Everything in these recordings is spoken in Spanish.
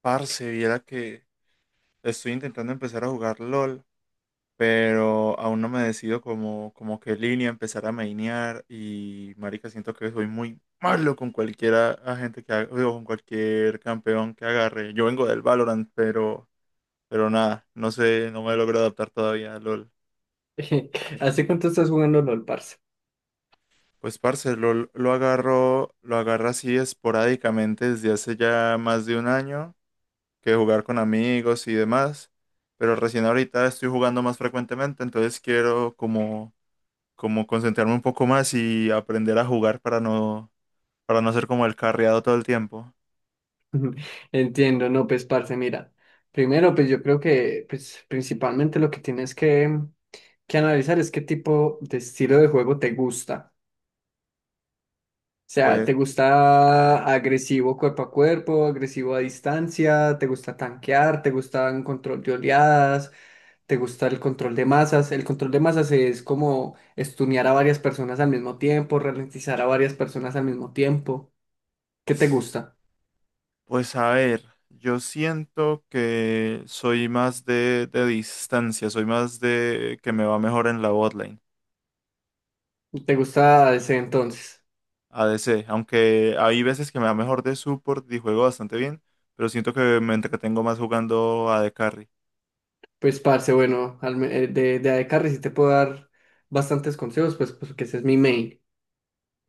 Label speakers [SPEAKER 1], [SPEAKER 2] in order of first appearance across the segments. [SPEAKER 1] Parce, viera que estoy intentando empezar a jugar LOL, pero aún no me decido como qué línea empezar a mainear y marica, siento que soy muy malo con cualquiera agente que haga, digo, con cualquier campeón que agarre. Yo vengo del Valorant, pero nada, no sé, no me logro adaptar todavía a LOL.
[SPEAKER 2] ¿Hace cuánto estás jugando LOL, parce?
[SPEAKER 1] Pues parce, LOL lo agarro así esporádicamente desde hace ya más de un año. Que jugar con amigos y demás, pero recién ahorita estoy jugando más frecuentemente, entonces quiero como concentrarme un poco más y aprender a jugar para no ser como el carriado todo el tiempo.
[SPEAKER 2] Entiendo, no, pues, parce, mira. Primero, pues yo creo que pues, principalmente lo que tienes que analizar es qué tipo de estilo de juego te gusta. O sea,
[SPEAKER 1] Pues,
[SPEAKER 2] ¿te gusta agresivo cuerpo a cuerpo, agresivo a distancia? ¿Te gusta tanquear? ¿Te gusta un control de oleadas? ¿Te gusta el control de masas? El control de masas es como estunear a varias personas al mismo tiempo, ralentizar a varias personas al mismo tiempo. ¿Qué te gusta?
[SPEAKER 1] pues a ver, yo siento que soy más de distancia, soy más de que me va mejor en la botlane,
[SPEAKER 2] ¿Te gusta ese entonces?
[SPEAKER 1] ADC, aunque hay veces que me va mejor de support y juego bastante bien, pero siento que me entretengo más jugando AD Carry.
[SPEAKER 2] Pues, parce, bueno, de ADC sí te puedo dar bastantes consejos, pues, porque ese es mi main.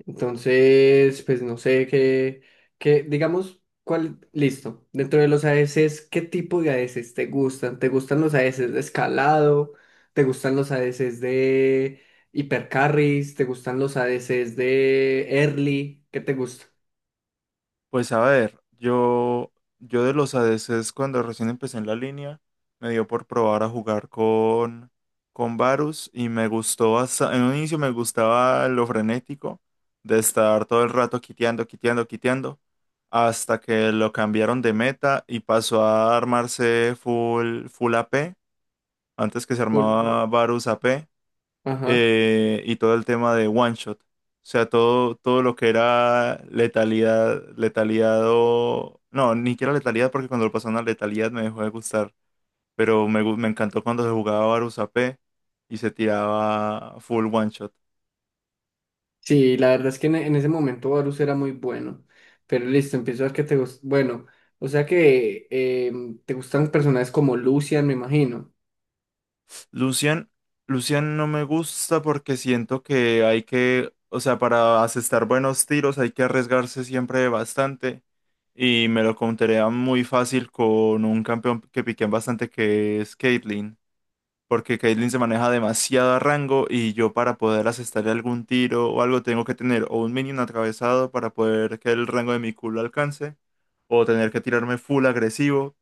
[SPEAKER 2] Entonces, pues, no sé qué, digamos, cuál, listo. Dentro de los ADCs, ¿qué tipo de ADCs te gustan? ¿Te gustan los ADCs de escalado? ¿Te gustan los ADCs de hipercarries? ¿Te gustan los ADCs de early? ¿Qué te gusta?
[SPEAKER 1] Pues a ver, yo de los ADCs cuando recién empecé en la línea, me dio por probar a jugar con Varus y me gustó. Hasta, en un inicio me gustaba lo frenético de estar todo el rato quiteando, quiteando, quiteando, hasta que lo cambiaron de meta y pasó a armarse full, full a p, antes que se
[SPEAKER 2] Full-
[SPEAKER 1] armaba Varus A p,
[SPEAKER 2] Ajá.
[SPEAKER 1] y todo el tema de One Shot. O sea, todo lo que era letalidad, letalidad o... No, ni siquiera letalidad, porque cuando lo pasaron a letalidad me dejó de gustar. Pero me encantó cuando se jugaba Varus AP y se tiraba full One Shot.
[SPEAKER 2] Sí, la verdad es que en ese momento Varus era muy bueno. Pero listo, empiezo a ver que te gusta. Bueno, o sea que te gustan personajes como Lucian, me imagino.
[SPEAKER 1] Lucian, Lucian no me gusta porque siento que hay que... O sea, para asestar buenos tiros hay que arriesgarse siempre bastante. Y me lo counterea muy fácil con un campeón que piquean bastante que es Caitlyn. Porque Caitlyn se maneja demasiado a rango, y yo para poder asestarle algún tiro o algo tengo que tener o un minion atravesado para poder que el rango de mi culo alcance, o tener que tirarme full agresivo,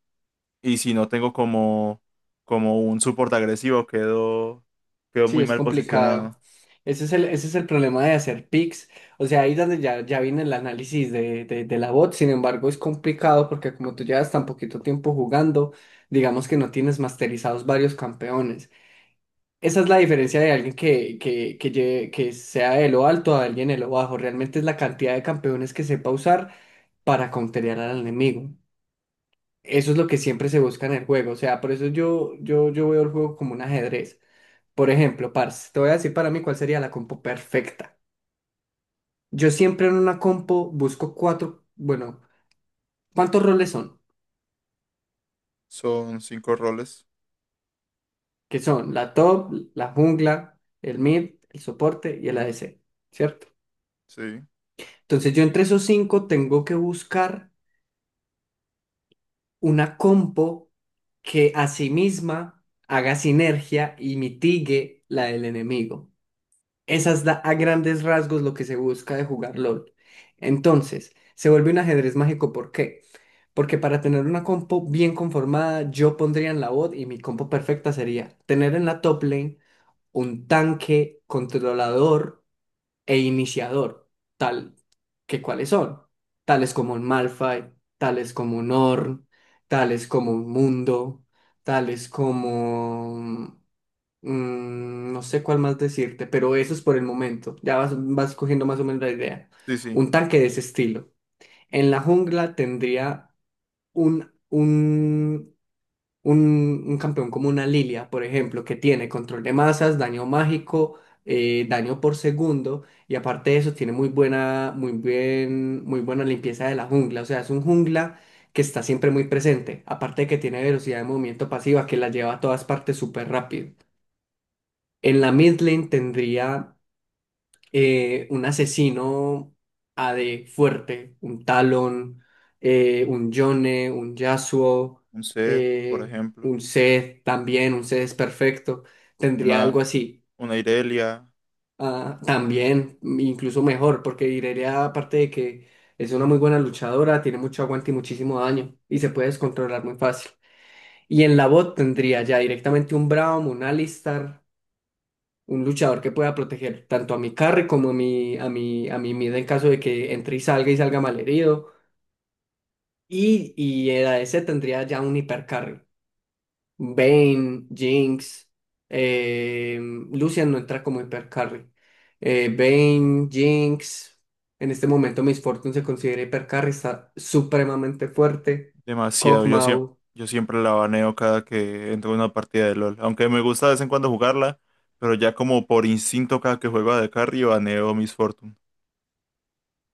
[SPEAKER 1] y si no tengo como un support agresivo, quedo, quedo
[SPEAKER 2] Sí,
[SPEAKER 1] muy
[SPEAKER 2] es
[SPEAKER 1] mal
[SPEAKER 2] complicado.
[SPEAKER 1] posicionado.
[SPEAKER 2] Ese es el problema de hacer picks. O sea, ahí donde ya viene el análisis de la bot. Sin embargo, es complicado porque como tú llevas tan poquito tiempo jugando, digamos que no tienes masterizados varios campeones. Esa es la diferencia de alguien que sea de lo alto a alguien de lo bajo. Realmente es la cantidad de campeones que sepa usar para counterear al enemigo. Eso es lo que siempre se busca en el juego. O sea, por eso yo veo el juego como un ajedrez. Por ejemplo, parce, te voy a decir para mí cuál sería la compo perfecta. Yo siempre en una compo busco cuatro, bueno, ¿cuántos roles son?
[SPEAKER 1] Son cinco roles,
[SPEAKER 2] Que son la top, la jungla, el mid, el soporte y el ADC, ¿cierto?
[SPEAKER 1] sí,
[SPEAKER 2] Entonces yo entre esos cinco tengo que buscar una compo que a sí misma haga sinergia y mitigue la del enemigo. Esa es a grandes rasgos lo que se busca de jugar LOL. Entonces, se vuelve un ajedrez mágico, ¿por qué? Porque para tener una compo bien conformada, yo pondría en la bot y mi compo perfecta sería tener en la top lane un tanque controlador e iniciador, tal que cuáles son, tales como un Malphite, tales como un Ornn, tales como un Mundo, tales como, no sé cuál más decirte, pero eso es por el momento, ya vas cogiendo más o menos la idea.
[SPEAKER 1] sí, sí.
[SPEAKER 2] Un tanque de ese estilo. En la jungla tendría un, un un campeón como una Lilia, por ejemplo, que tiene control de masas, daño mágico, daño por segundo, y aparte de eso tiene muy buena limpieza de la jungla. O sea, es un jungla que está siempre muy presente. Aparte de que tiene velocidad de movimiento pasiva que la lleva a todas partes súper rápido. En la mid lane tendría un asesino AD fuerte, un Talon, un Yone, un Yasuo,
[SPEAKER 1] Un Zed, por
[SPEAKER 2] eh,
[SPEAKER 1] ejemplo,
[SPEAKER 2] un Zed también, un Zed es perfecto, tendría
[SPEAKER 1] una,
[SPEAKER 2] algo así.
[SPEAKER 1] una Irelia.
[SPEAKER 2] Ah, también, incluso mejor, porque Irelia, aparte de que es una muy buena luchadora, tiene mucho aguante y muchísimo daño, y se puede descontrolar muy fácil. Y en la bot tendría ya directamente un Braum, un Alistar, un luchador que pueda proteger tanto a mi carry como a mi mid en caso de que entre y salga malherido. Y el a ese tendría ya un hipercarry. Vayne, Jinx, eh, Lucian no entra como hipercarry. Vayne, Jinx. En este momento Miss Fortune se considera hipercarry, está supremamente fuerte.
[SPEAKER 1] Demasiado. Yo, siem-
[SPEAKER 2] Kog'Maw.
[SPEAKER 1] yo siempre la baneo cada que entro en una partida de LOL. Aunque me gusta de vez en cuando jugarla, pero ya como por instinto, cada que juego a de carry baneo Miss Fortune.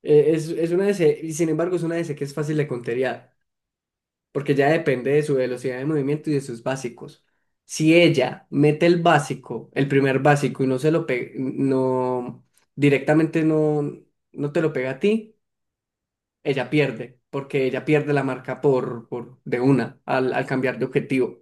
[SPEAKER 2] Es una DC, y sin embargo es una DC que es fácil de conterear porque ya depende de su velocidad de movimiento y de sus básicos. Si ella mete el básico, el primer básico, y no se lo pega, no, directamente no te lo pega a ti, ella pierde, porque ella pierde la marca por de una al cambiar de objetivo.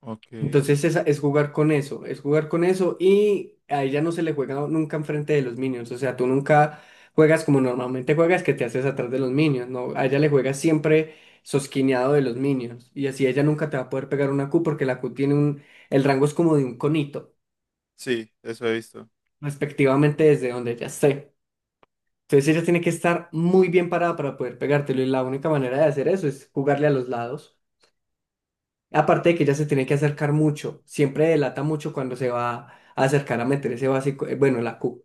[SPEAKER 1] Ok.
[SPEAKER 2] Entonces es, jugar con eso, es jugar con eso y a ella no se le juega nunca enfrente de los minions, o sea, tú nunca juegas como normalmente juegas que te haces atrás de los minions, no, a ella le juegas siempre sosquineado de los minions y así ella nunca te va a poder pegar una Q porque la Q tiene el rango es como de un conito,
[SPEAKER 1] Sí, eso he visto.
[SPEAKER 2] respectivamente desde donde ella esté. Entonces ella tiene que estar muy bien parada para poder pegártelo y la única manera de hacer eso es jugarle a los lados. Aparte de que ella se tiene que acercar mucho, siempre delata mucho cuando se va a acercar a meter ese básico, bueno, la Q.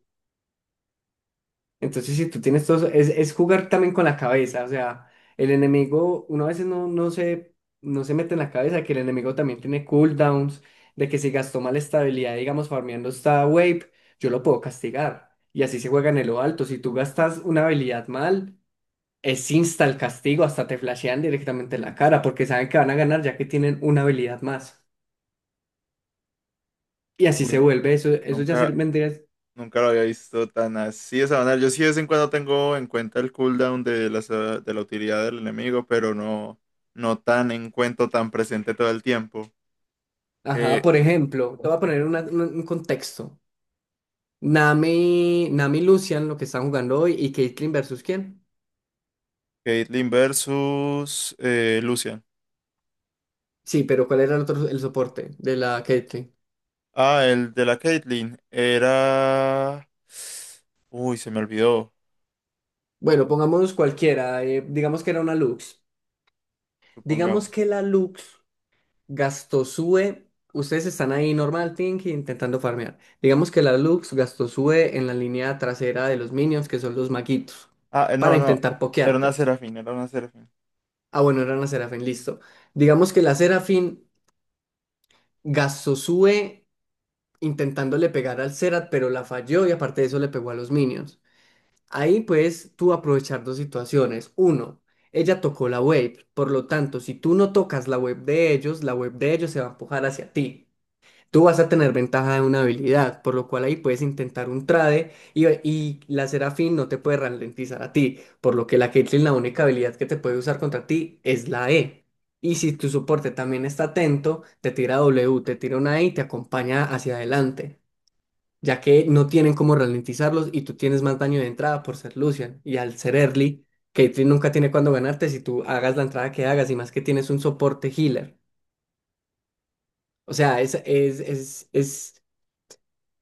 [SPEAKER 2] Entonces, si tú tienes todo, es jugar también con la cabeza, o sea, el enemigo, uno a veces no se mete en la cabeza que el enemigo también tiene cooldowns, de que si gastó mal estabilidad, digamos, farmeando esta wave, yo lo puedo castigar. Y así se juega en lo alto. Si tú gastas una habilidad mal, es insta el castigo, hasta te flashean directamente en la cara, porque saben que van a ganar ya que tienen una habilidad más. Y así se
[SPEAKER 1] Uy,
[SPEAKER 2] vuelve, eso ya se
[SPEAKER 1] nunca,
[SPEAKER 2] vendría.
[SPEAKER 1] nunca lo había visto tan así esa manera. Yo sí de vez en cuando tengo en cuenta el cooldown de la utilidad del enemigo, pero no, no tan en cuenta, tan presente todo el tiempo.
[SPEAKER 2] Ajá,
[SPEAKER 1] Eh,
[SPEAKER 2] por ejemplo, te voy a poner un contexto. Nami, Nami y Lucian, lo que están jugando hoy, y Caitlyn versus quién.
[SPEAKER 1] Caitlyn versus Lucian.
[SPEAKER 2] Sí, pero ¿cuál era el otro, el soporte de la Caitlyn?
[SPEAKER 1] Ah, el de la Caitlyn era... Uy, se me olvidó,
[SPEAKER 2] Bueno, pongamos cualquiera, digamos que era una Lux. Digamos
[SPEAKER 1] supongamos.
[SPEAKER 2] que la Lux gastó su E, ustedes están ahí normal thinking intentando farmear. Digamos que la Lux gastó su E en la línea trasera de los minions, que son los maguitos,
[SPEAKER 1] Ah, no,
[SPEAKER 2] para
[SPEAKER 1] no.
[SPEAKER 2] intentar
[SPEAKER 1] Era una
[SPEAKER 2] pokearte.
[SPEAKER 1] Serafín, era una Serafín.
[SPEAKER 2] Ah, bueno, era una Serafín, listo. Digamos que la Serafín gastó su E intentándole pegar al cerat, pero la falló y aparte de eso le pegó a los Minions. Ahí puedes tú aprovechar dos situaciones. Uno, ella tocó la wave, por lo tanto, si tú no tocas la wave de ellos, la wave de ellos se va a empujar hacia ti. Tú vas a tener ventaja de una habilidad, por lo cual ahí puedes intentar un trade y la Serafín no te puede ralentizar a ti, por lo que la Caitlyn la única habilidad que te puede usar contra ti es la E. Y si tu soporte también está atento, te tira W, te tira una E y te acompaña hacia adelante, ya que no tienen cómo ralentizarlos y tú tienes más daño de entrada por ser Lucian. Y al ser early, Caitlyn nunca tiene cuándo ganarte si tú hagas la entrada que hagas y más que tienes un soporte healer. O sea, es, es, es, es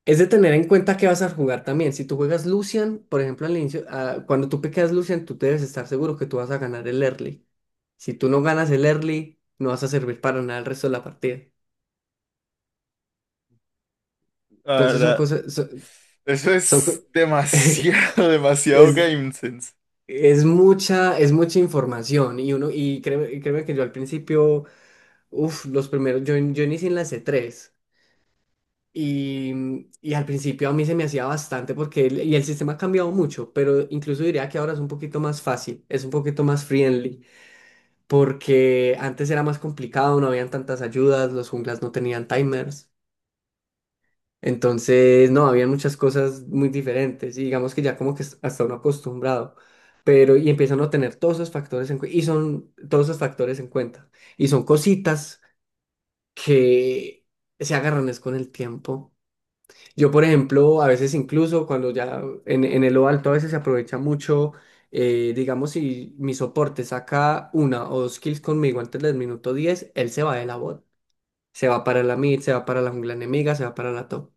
[SPEAKER 2] Es de tener en cuenta que vas a jugar también. Si tú juegas Lucian, por ejemplo, al inicio, cuando tú piqueas Lucian, tú debes estar seguro que tú vas a ganar el early. Si tú no ganas el early, no vas a servir para nada el resto de la partida.
[SPEAKER 1] La
[SPEAKER 2] Entonces son
[SPEAKER 1] verdad,
[SPEAKER 2] cosas,
[SPEAKER 1] eso
[SPEAKER 2] son co-
[SPEAKER 1] es demasiado, demasiado
[SPEAKER 2] es,
[SPEAKER 1] game sense.
[SPEAKER 2] es mucha información y uno, y créeme que yo al principio, uff, los primeros, yo inicié en la C3. Y, y al principio a mí se me hacía bastante porque y el sistema ha cambiado mucho, pero incluso diría que ahora es un poquito más fácil, es un poquito más friendly, porque antes era más complicado, no habían tantas ayudas, los junglas no tenían timers, entonces no, habían muchas cosas muy diferentes y digamos que ya como que hasta uno acostumbrado, pero y empiezan a tener todos esos factores y son todos esos factores en cuenta y son cositas que se agarran es con el tiempo. Yo, por ejemplo, a veces incluso cuando ya en el lo alto a veces se aprovecha mucho, digamos, si mi soporte saca una o dos kills conmigo antes del minuto 10 él se va de la bot. Se va para la mid, se va para la jungla enemiga, se va para la top.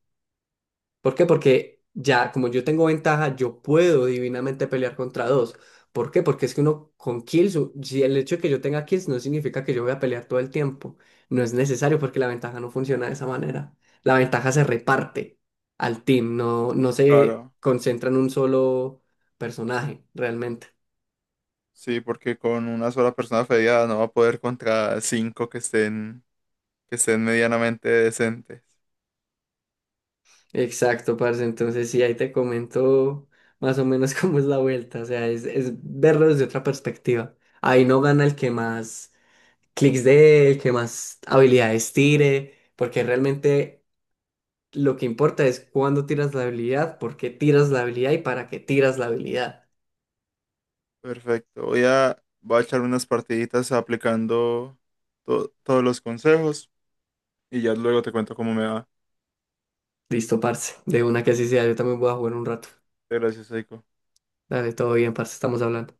[SPEAKER 2] ¿Por qué? Porque ya, como yo tengo ventaja, yo puedo divinamente pelear contra dos. ¿Por qué? Porque es que uno con kills, si el hecho de que yo tenga kills no significa que yo voy a pelear todo el tiempo. No es necesario porque la ventaja no funciona de esa manera. La ventaja se reparte al team, no se
[SPEAKER 1] Claro.
[SPEAKER 2] concentra en un solo personaje, realmente.
[SPEAKER 1] Sí, porque con una sola persona fedeada no va a poder contra cinco que estén, medianamente decentes.
[SPEAKER 2] Exacto, parce. Entonces, sí, ahí te comento más o menos cómo es la vuelta. O sea, es verlo desde otra perspectiva. Ahí no gana el que más clics de él, qué más habilidades tire, porque realmente lo que importa es cuándo tiras la habilidad, por qué tiras la habilidad y para qué tiras la habilidad.
[SPEAKER 1] Perfecto. Voy a echar unas partiditas aplicando todos los consejos y ya luego te cuento cómo me va.
[SPEAKER 2] Listo, parce, de una que así sea, yo también voy a jugar un rato.
[SPEAKER 1] Gracias, Aiko.
[SPEAKER 2] Dale, todo bien, parce, estamos hablando.